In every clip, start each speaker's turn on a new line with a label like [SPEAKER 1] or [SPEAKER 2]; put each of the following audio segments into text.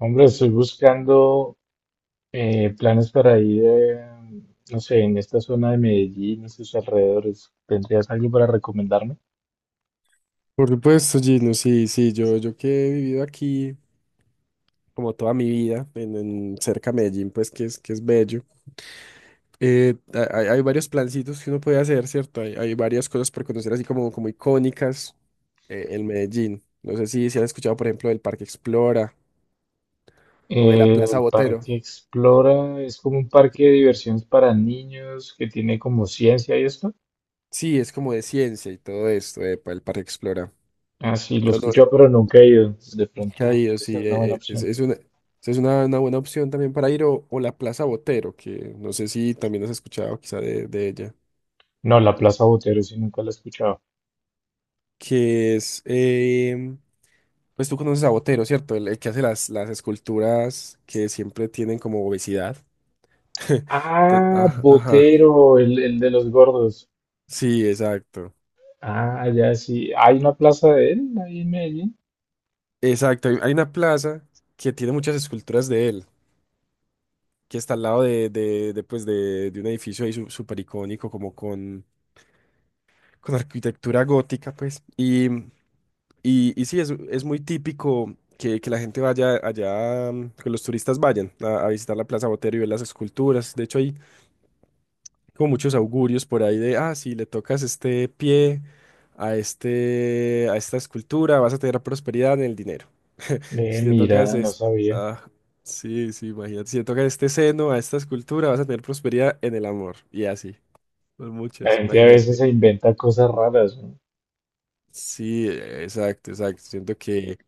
[SPEAKER 1] Hombre, estoy buscando planes para ir, no sé, en esta zona de Medellín y sus alrededores. ¿Tendrías algo para recomendarme?
[SPEAKER 2] Por supuesto, Gino, sí, sí, yo que he vivido aquí como toda mi vida, en cerca de Medellín, pues que es bello. Hay varios plancitos que uno puede hacer, ¿cierto? Hay varias cosas por conocer así como icónicas en Medellín. No sé si han escuchado, por ejemplo, del Parque Explora o de la Plaza
[SPEAKER 1] El
[SPEAKER 2] Botero.
[SPEAKER 1] Parque Explora es como un parque de diversiones para niños que tiene como ciencia y esto.
[SPEAKER 2] Sí, es como de ciencia y todo esto, epa, el Parque Explora.
[SPEAKER 1] Ah, sí, lo he
[SPEAKER 2] Yo no
[SPEAKER 1] escuchado, pero nunca he ido. De
[SPEAKER 2] he
[SPEAKER 1] pronto
[SPEAKER 2] ido,
[SPEAKER 1] puede ser
[SPEAKER 2] sí,
[SPEAKER 1] una buena opción.
[SPEAKER 2] Es una buena opción también para ir o la Plaza Botero, que no sé si también has escuchado quizá de ella.
[SPEAKER 1] No, la Plaza Botero sí nunca la he escuchado.
[SPEAKER 2] Que es, pues tú conoces a Botero, ¿cierto? El que hace las esculturas que siempre tienen como obesidad. Entonces,
[SPEAKER 1] Ah,
[SPEAKER 2] ajá, ajá.
[SPEAKER 1] Botero, el de los gordos.
[SPEAKER 2] Sí, exacto.
[SPEAKER 1] Ah, ya sí. ¿Hay una plaza de él ahí en Medellín?
[SPEAKER 2] Exacto, hay una plaza que tiene muchas esculturas de él, que está al lado de un edificio ahí súper icónico, como con arquitectura gótica, pues. Y sí, es muy típico que la gente vaya allá, mm, que los turistas vayan a visitar la Plaza Botero y ver las esculturas. De hecho, hay como muchos augurios por ahí de, ah, si le tocas este pie a a esta escultura, vas a tener prosperidad en el dinero. Si le tocas
[SPEAKER 1] Mira, no
[SPEAKER 2] este,
[SPEAKER 1] sabía.
[SPEAKER 2] ah, sí, sí, imagínate, si le tocas este seno a esta escultura, vas a tener prosperidad en el amor. Y así, por
[SPEAKER 1] La
[SPEAKER 2] muchas,
[SPEAKER 1] gente a veces
[SPEAKER 2] imagínate.
[SPEAKER 1] se inventa cosas raras, ¿no?
[SPEAKER 2] Sí, exacto, exacto. Siento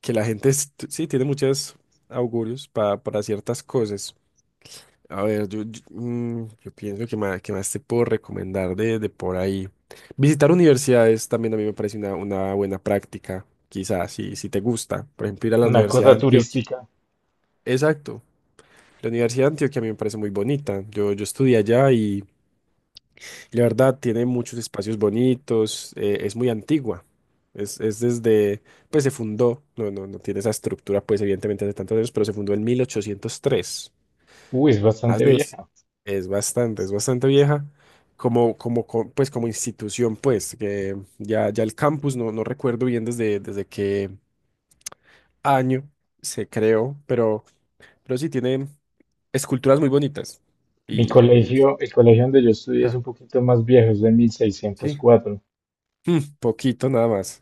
[SPEAKER 2] que la gente sí tiene muchos augurios para ciertas cosas. A ver, yo pienso que que más te puedo recomendar de por ahí. Visitar universidades también a mí me parece una buena práctica, quizás, si te gusta. Por ejemplo, ir a la
[SPEAKER 1] Una
[SPEAKER 2] Universidad de
[SPEAKER 1] cosa
[SPEAKER 2] Antioquia.
[SPEAKER 1] turística.
[SPEAKER 2] Exacto. La Universidad de Antioquia a mí me parece muy bonita. Yo estudié allá y la verdad tiene muchos espacios bonitos. Es muy antigua. Es, es desde, pues se fundó, no tiene esa estructura, pues evidentemente hace tantos años, pero se fundó en 1803.
[SPEAKER 1] Uy, es
[SPEAKER 2] Más
[SPEAKER 1] bastante
[SPEAKER 2] de
[SPEAKER 1] vieja.
[SPEAKER 2] Es es bastante vieja. Pues, como institución, pues, ya el campus, no recuerdo bien desde qué año se creó, pero sí tiene esculturas muy bonitas.
[SPEAKER 1] Mi
[SPEAKER 2] Y, eh, y es-
[SPEAKER 1] colegio, el colegio donde yo estudié es
[SPEAKER 2] Ja,
[SPEAKER 1] un poquito más viejo, es de mil seiscientos
[SPEAKER 2] sí.
[SPEAKER 1] cuatro
[SPEAKER 2] Mm, poquito nada más.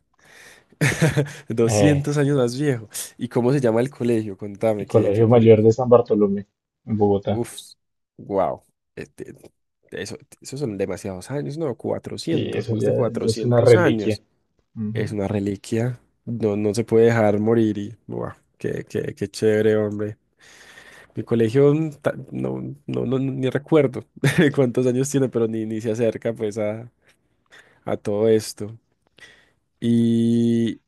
[SPEAKER 1] Eh,
[SPEAKER 2] 200 años más viejo. ¿Y cómo se llama el colegio?
[SPEAKER 1] el
[SPEAKER 2] Contame, qué
[SPEAKER 1] colegio mayor
[SPEAKER 2] curioso.
[SPEAKER 1] de San Bartolomé, en Bogotá.
[SPEAKER 2] Uf, wow. Este, esos son demasiados años, ¿no?
[SPEAKER 1] Sí,
[SPEAKER 2] cuatrocientos,
[SPEAKER 1] eso
[SPEAKER 2] más
[SPEAKER 1] ya,
[SPEAKER 2] de
[SPEAKER 1] ya es una
[SPEAKER 2] cuatrocientos
[SPEAKER 1] reliquia.
[SPEAKER 2] años.
[SPEAKER 1] Ujú.
[SPEAKER 2] Es una reliquia. No se puede dejar morir y, wow, qué chévere, hombre. Mi colegio, ni recuerdo cuántos años tiene, pero ni se acerca, pues, a todo esto. Y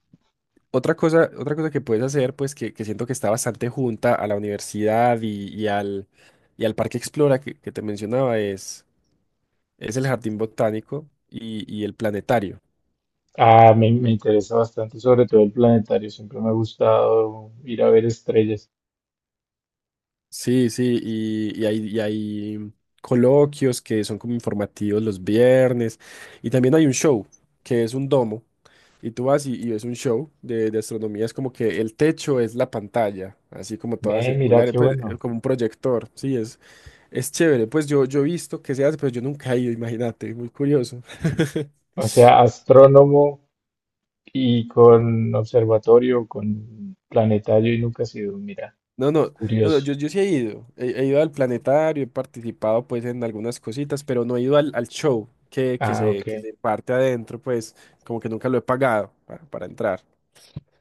[SPEAKER 2] otra cosa que puedes hacer, pues, que siento que está bastante junta a la universidad y al Parque Explora que te mencionaba es el jardín botánico y el planetario.
[SPEAKER 1] Ah, me interesa bastante, sobre todo el planetario. Siempre me ha gustado ir a ver estrellas.
[SPEAKER 2] Sí, sí, y hay coloquios que son como informativos los viernes. Y también hay un show que es un domo. Y tú vas y ves un show de astronomía. Es como que el techo es la pantalla, así como toda
[SPEAKER 1] Ve, mira
[SPEAKER 2] circular,
[SPEAKER 1] qué
[SPEAKER 2] pues,
[SPEAKER 1] bueno.
[SPEAKER 2] como un proyector. Sí, es chévere. Pues yo he visto que se hace, pero yo nunca he ido, imagínate, muy curioso.
[SPEAKER 1] O sea, astrónomo. Y con observatorio, con planetario y nunca ha sido, mira,
[SPEAKER 2] No, no, no, no,
[SPEAKER 1] curioso.
[SPEAKER 2] yo sí he ido, he ido al planetario, he participado pues en algunas cositas, pero no he ido al, al show
[SPEAKER 1] Ah,
[SPEAKER 2] que
[SPEAKER 1] ok.
[SPEAKER 2] se parte adentro, pues como que nunca lo he pagado para entrar.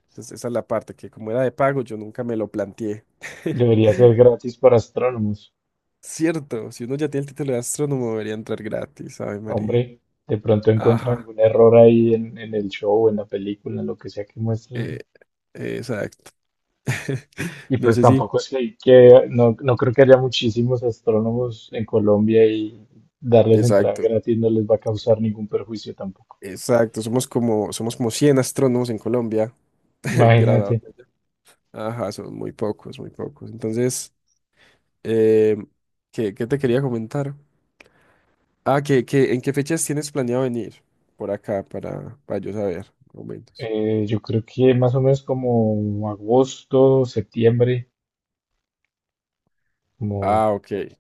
[SPEAKER 2] Entonces esa es la parte que como era de pago yo nunca me lo planteé.
[SPEAKER 1] Debería ser gratis para astrónomos.
[SPEAKER 2] Cierto, si uno ya tiene el título de astrónomo debería entrar gratis, ¿sabe María?
[SPEAKER 1] Hombre, de pronto encuentran
[SPEAKER 2] Ajá,
[SPEAKER 1] algún error ahí en el show, en la película, en lo que sea que
[SPEAKER 2] eh,
[SPEAKER 1] muestren.
[SPEAKER 2] exacto.
[SPEAKER 1] Y
[SPEAKER 2] No
[SPEAKER 1] pues
[SPEAKER 2] sé si.
[SPEAKER 1] tampoco es que, hay que- no, no creo que haya muchísimos astrónomos en Colombia y darles entrada
[SPEAKER 2] Exacto,
[SPEAKER 1] gratis no les va a causar ningún perjuicio tampoco.
[SPEAKER 2] exacto, somos somos como 100 astrónomos en Colombia, graduados.
[SPEAKER 1] Imagínate,
[SPEAKER 2] Ajá, son muy pocos, muy pocos. Entonces, eh, qué te quería comentar? Ah, ¿en qué fechas tienes planeado venir por acá para yo saber momentos?
[SPEAKER 1] yo creo que más o menos como agosto, septiembre, como.
[SPEAKER 2] Ah, ok.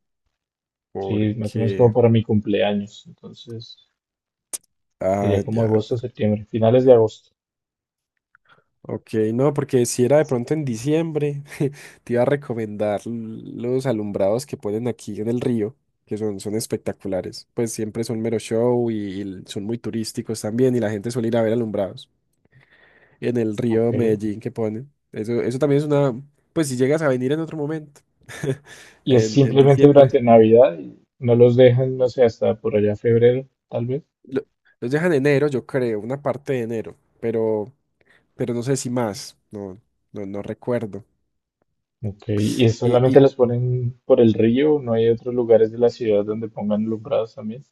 [SPEAKER 1] Sí, más o menos como
[SPEAKER 2] Porque.
[SPEAKER 1] para mi cumpleaños. Entonces,
[SPEAKER 2] Ah,
[SPEAKER 1] sería como
[SPEAKER 2] ya,
[SPEAKER 1] agosto,
[SPEAKER 2] ya.
[SPEAKER 1] septiembre, finales de agosto.
[SPEAKER 2] Ok, no, porque si era de pronto en diciembre, te iba a recomendar los alumbrados que ponen aquí en el río, son espectaculares. Pues siempre son mero show y son muy turísticos también, y la gente suele ir a ver alumbrados en el
[SPEAKER 1] Ok.
[SPEAKER 2] río Medellín que ponen. Eso también es una, pues si llegas a venir en otro momento,
[SPEAKER 1] Y es
[SPEAKER 2] en
[SPEAKER 1] simplemente
[SPEAKER 2] diciembre.
[SPEAKER 1] durante Navidad. Y no los dejan, no sé, hasta por allá febrero, tal vez.
[SPEAKER 2] Lo- los dejan en enero, yo creo, una parte de enero, pero no sé si más, no, no, no recuerdo.
[SPEAKER 1] Ok. Y
[SPEAKER 2] Y,
[SPEAKER 1] solamente
[SPEAKER 2] y
[SPEAKER 1] los ponen por el río. No hay otros lugares de la ciudad donde pongan alumbrados también.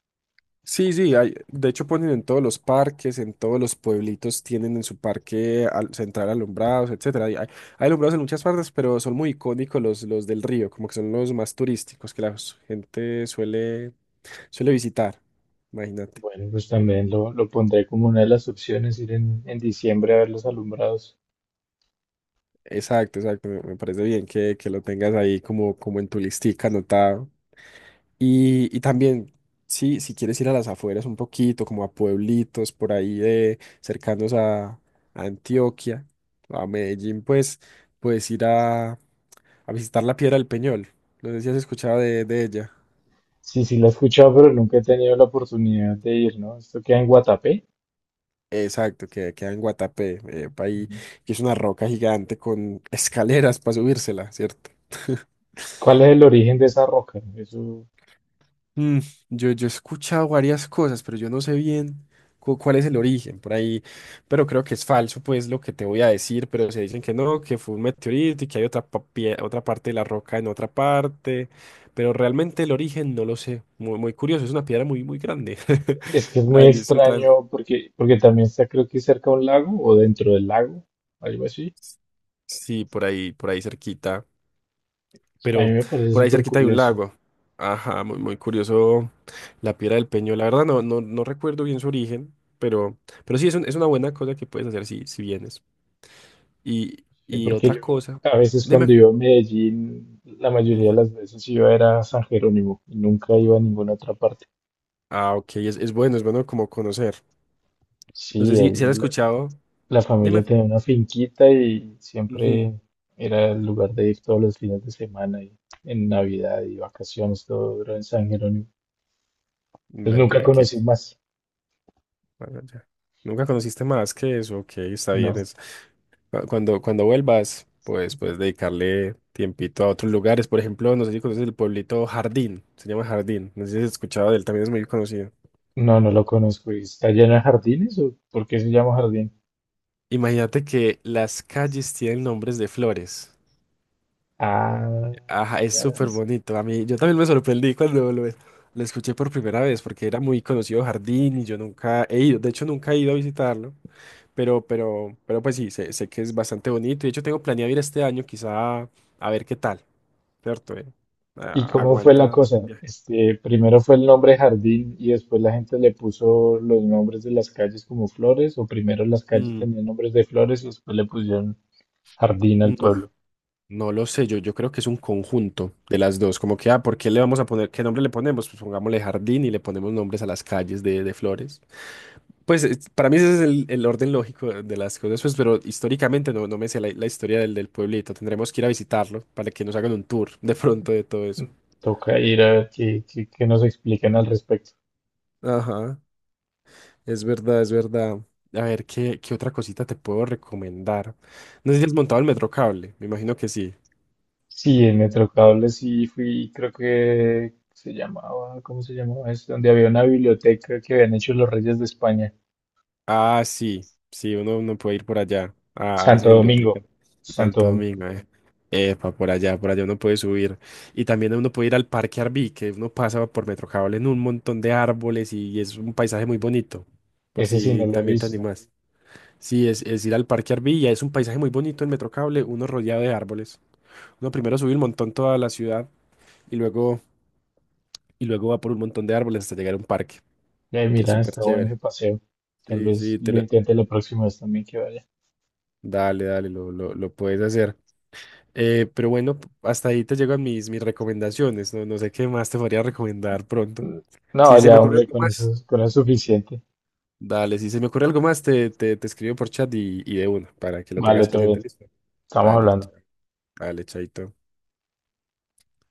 [SPEAKER 2] sí, de hecho ponen en todos los parques, en todos los pueblitos tienen en su parque central alumbrados, etcétera. Hay alumbrados en muchas partes, pero son muy icónicos los del río, como que son los más turísticos que la gente suele suele visitar, imagínate.
[SPEAKER 1] Bueno, pues también lo pondré como una de las opciones, ir en diciembre a ver los alumbrados.
[SPEAKER 2] Exacto, exacto. Me parece bien que lo tengas ahí como en tu listica anotado. Y también, sí, si quieres ir a las afueras un poquito, como a pueblitos por ahí de cercanos a Antioquia, a Medellín, pues puedes ir a visitar la Piedra del Peñol. No sé si has escuchado de ella.
[SPEAKER 1] Sí, sí, la he escuchado, pero nunca he tenido la oportunidad de ir, ¿no? Esto queda en Guatapé.
[SPEAKER 2] Exacto, que queda en Guatapé, pa' ahí,
[SPEAKER 1] Ujú.
[SPEAKER 2] que es una roca gigante con escaleras para subírsela, ¿cierto?
[SPEAKER 1] ¿Cuál es el origen de esa roca? Eso.
[SPEAKER 2] Mm, yo he escuchado varias cosas, pero yo no sé bien cuál es el origen por ahí, pero creo que es falso, pues lo que te voy a decir, pero se dicen que no, que fue un meteorito y que hay otra, otra parte de la roca en otra parte, pero realmente el origen no lo sé, muy, muy curioso, es una piedra muy, muy grande.
[SPEAKER 1] Es que es muy
[SPEAKER 2] Ahí estoy tan...
[SPEAKER 1] extraño porque, porque también está creo que cerca a un lago o dentro del lago, algo así.
[SPEAKER 2] Sí, por ahí cerquita.
[SPEAKER 1] A mí
[SPEAKER 2] Pero
[SPEAKER 1] me parece
[SPEAKER 2] por ahí
[SPEAKER 1] súper
[SPEAKER 2] cerquita hay un
[SPEAKER 1] curioso,
[SPEAKER 2] lago. Ajá, muy, muy curioso la piedra del Peñol. La verdad no recuerdo bien su origen, pero, pero sí es, es una buena cosa que puedes hacer si, si vienes. Y,
[SPEAKER 1] sí,
[SPEAKER 2] y
[SPEAKER 1] porque
[SPEAKER 2] otra
[SPEAKER 1] yo
[SPEAKER 2] cosa,
[SPEAKER 1] a veces
[SPEAKER 2] dime.
[SPEAKER 1] cuando iba a Medellín, la mayoría de
[SPEAKER 2] Ujú.
[SPEAKER 1] las veces iba era a San Jerónimo y nunca iba a ninguna otra parte.
[SPEAKER 2] Ah, ok, es bueno como conocer. No sé
[SPEAKER 1] Sí, ahí
[SPEAKER 2] si has escuchado,
[SPEAKER 1] la familia
[SPEAKER 2] dime.
[SPEAKER 1] tenía una finquita y
[SPEAKER 2] Ujú.
[SPEAKER 1] siempre era el lugar de ir todos los fines de semana y en Navidad y vacaciones, todo era en San Jerónimo. Entonces
[SPEAKER 2] Ve, ok,
[SPEAKER 1] nunca
[SPEAKER 2] qué
[SPEAKER 1] conocí más,
[SPEAKER 2] bueno, ya. Nunca conociste más que eso, ok, está
[SPEAKER 1] no.
[SPEAKER 2] bien. Cuando, cuando vuelvas, pues puedes dedicarle tiempito a otros lugares. Por ejemplo, no sé si conoces el pueblito Jardín, se llama Jardín, no sé si has escuchado de él, también es muy conocido.
[SPEAKER 1] No, no lo conozco. ¿Y está lleno de jardines o por qué se llama jardín?
[SPEAKER 2] Imagínate que las calles tienen nombres de flores.
[SPEAKER 1] Ah,
[SPEAKER 2] Ajá, es súper
[SPEAKER 1] caramba.
[SPEAKER 2] bonito. A mí, yo también me sorprendí cuando lo escuché por primera vez, porque era muy conocido Jardín y yo nunca he ido, de hecho nunca he ido a visitarlo. Pero pues sí, sé que es bastante bonito. De hecho, tengo planeado ir este año, quizá a ver qué tal, ¿cierto?
[SPEAKER 1] ¿Y cómo fue la
[SPEAKER 2] Aguanta el
[SPEAKER 1] cosa?
[SPEAKER 2] viaje.
[SPEAKER 1] Este, primero fue el nombre jardín y después la gente le puso los nombres de las calles como flores, o primero las calles
[SPEAKER 2] Mm,
[SPEAKER 1] tenían nombres de flores y después le pusieron jardín al
[SPEAKER 2] no,
[SPEAKER 1] pueblo.
[SPEAKER 2] no lo sé. Yo creo que es un conjunto de las dos. Como que, ah, ¿por qué le vamos a poner? ¿Qué nombre le ponemos? Pues pongámosle jardín y le ponemos nombres a las calles de flores. Pues para mí ese es el orden lógico de las cosas, pues, pero históricamente no, no me sé la historia del pueblito. Tendremos que ir a visitarlo para que nos hagan un tour de pronto de todo
[SPEAKER 1] Mm,
[SPEAKER 2] eso.
[SPEAKER 1] toca ir a ver qué, qué- qué nos explican al respecto.
[SPEAKER 2] Ajá. Es verdad, es verdad. A ver, qué otra cosita te puedo recomendar? No sé si has montado el metro cable, me imagino que sí.
[SPEAKER 1] Sí, en Metrocable sí fui, creo que se llamaba, ¿cómo se llamaba? Es donde había una biblioteca que habían hecho los reyes de España.
[SPEAKER 2] Ah, sí, sí, uno puede ir por allá, a esa
[SPEAKER 1] Santo
[SPEAKER 2] biblioteca,
[SPEAKER 1] Domingo, Santo
[SPEAKER 2] Santo
[SPEAKER 1] Domingo.
[SPEAKER 2] Domingo, eh. Epa, por allá uno puede subir. Y también uno puede ir al Parque Arví, que uno pasa por metro cable en un montón de árboles y es un paisaje muy bonito, por
[SPEAKER 1] Ese sí no
[SPEAKER 2] si
[SPEAKER 1] lo he
[SPEAKER 2] también te
[SPEAKER 1] visto.
[SPEAKER 2] animas. Sí, es ir al Parque Arví, y es un paisaje muy bonito en metro cable, uno rodeado de árboles. Uno primero sube un montón toda la ciudad y luego y luego va por un montón de árboles hasta llegar a un parque, que es
[SPEAKER 1] Mira,
[SPEAKER 2] súper
[SPEAKER 1] está bueno
[SPEAKER 2] chévere.
[SPEAKER 1] el paseo. Tal
[SPEAKER 2] Sí,
[SPEAKER 1] vez lo intente la próxima vez también que vaya.
[SPEAKER 2] dale, dale, lo puedes hacer. Pero bueno, hasta ahí te llegan mis, mis recomendaciones, no, no sé qué más te podría recomendar pronto.
[SPEAKER 1] No,
[SPEAKER 2] Si se
[SPEAKER 1] ya,
[SPEAKER 2] me ocurre
[SPEAKER 1] hombre,
[SPEAKER 2] algo más,
[SPEAKER 1] con eso es suficiente.
[SPEAKER 2] dale, si se me ocurre algo más, te escribo por chat y de una, para que lo
[SPEAKER 1] Vale,
[SPEAKER 2] tengas
[SPEAKER 1] todo
[SPEAKER 2] presente,
[SPEAKER 1] bien.
[SPEAKER 2] listo.
[SPEAKER 1] Estamos
[SPEAKER 2] Dale,
[SPEAKER 1] hablando.
[SPEAKER 2] dale, chaito.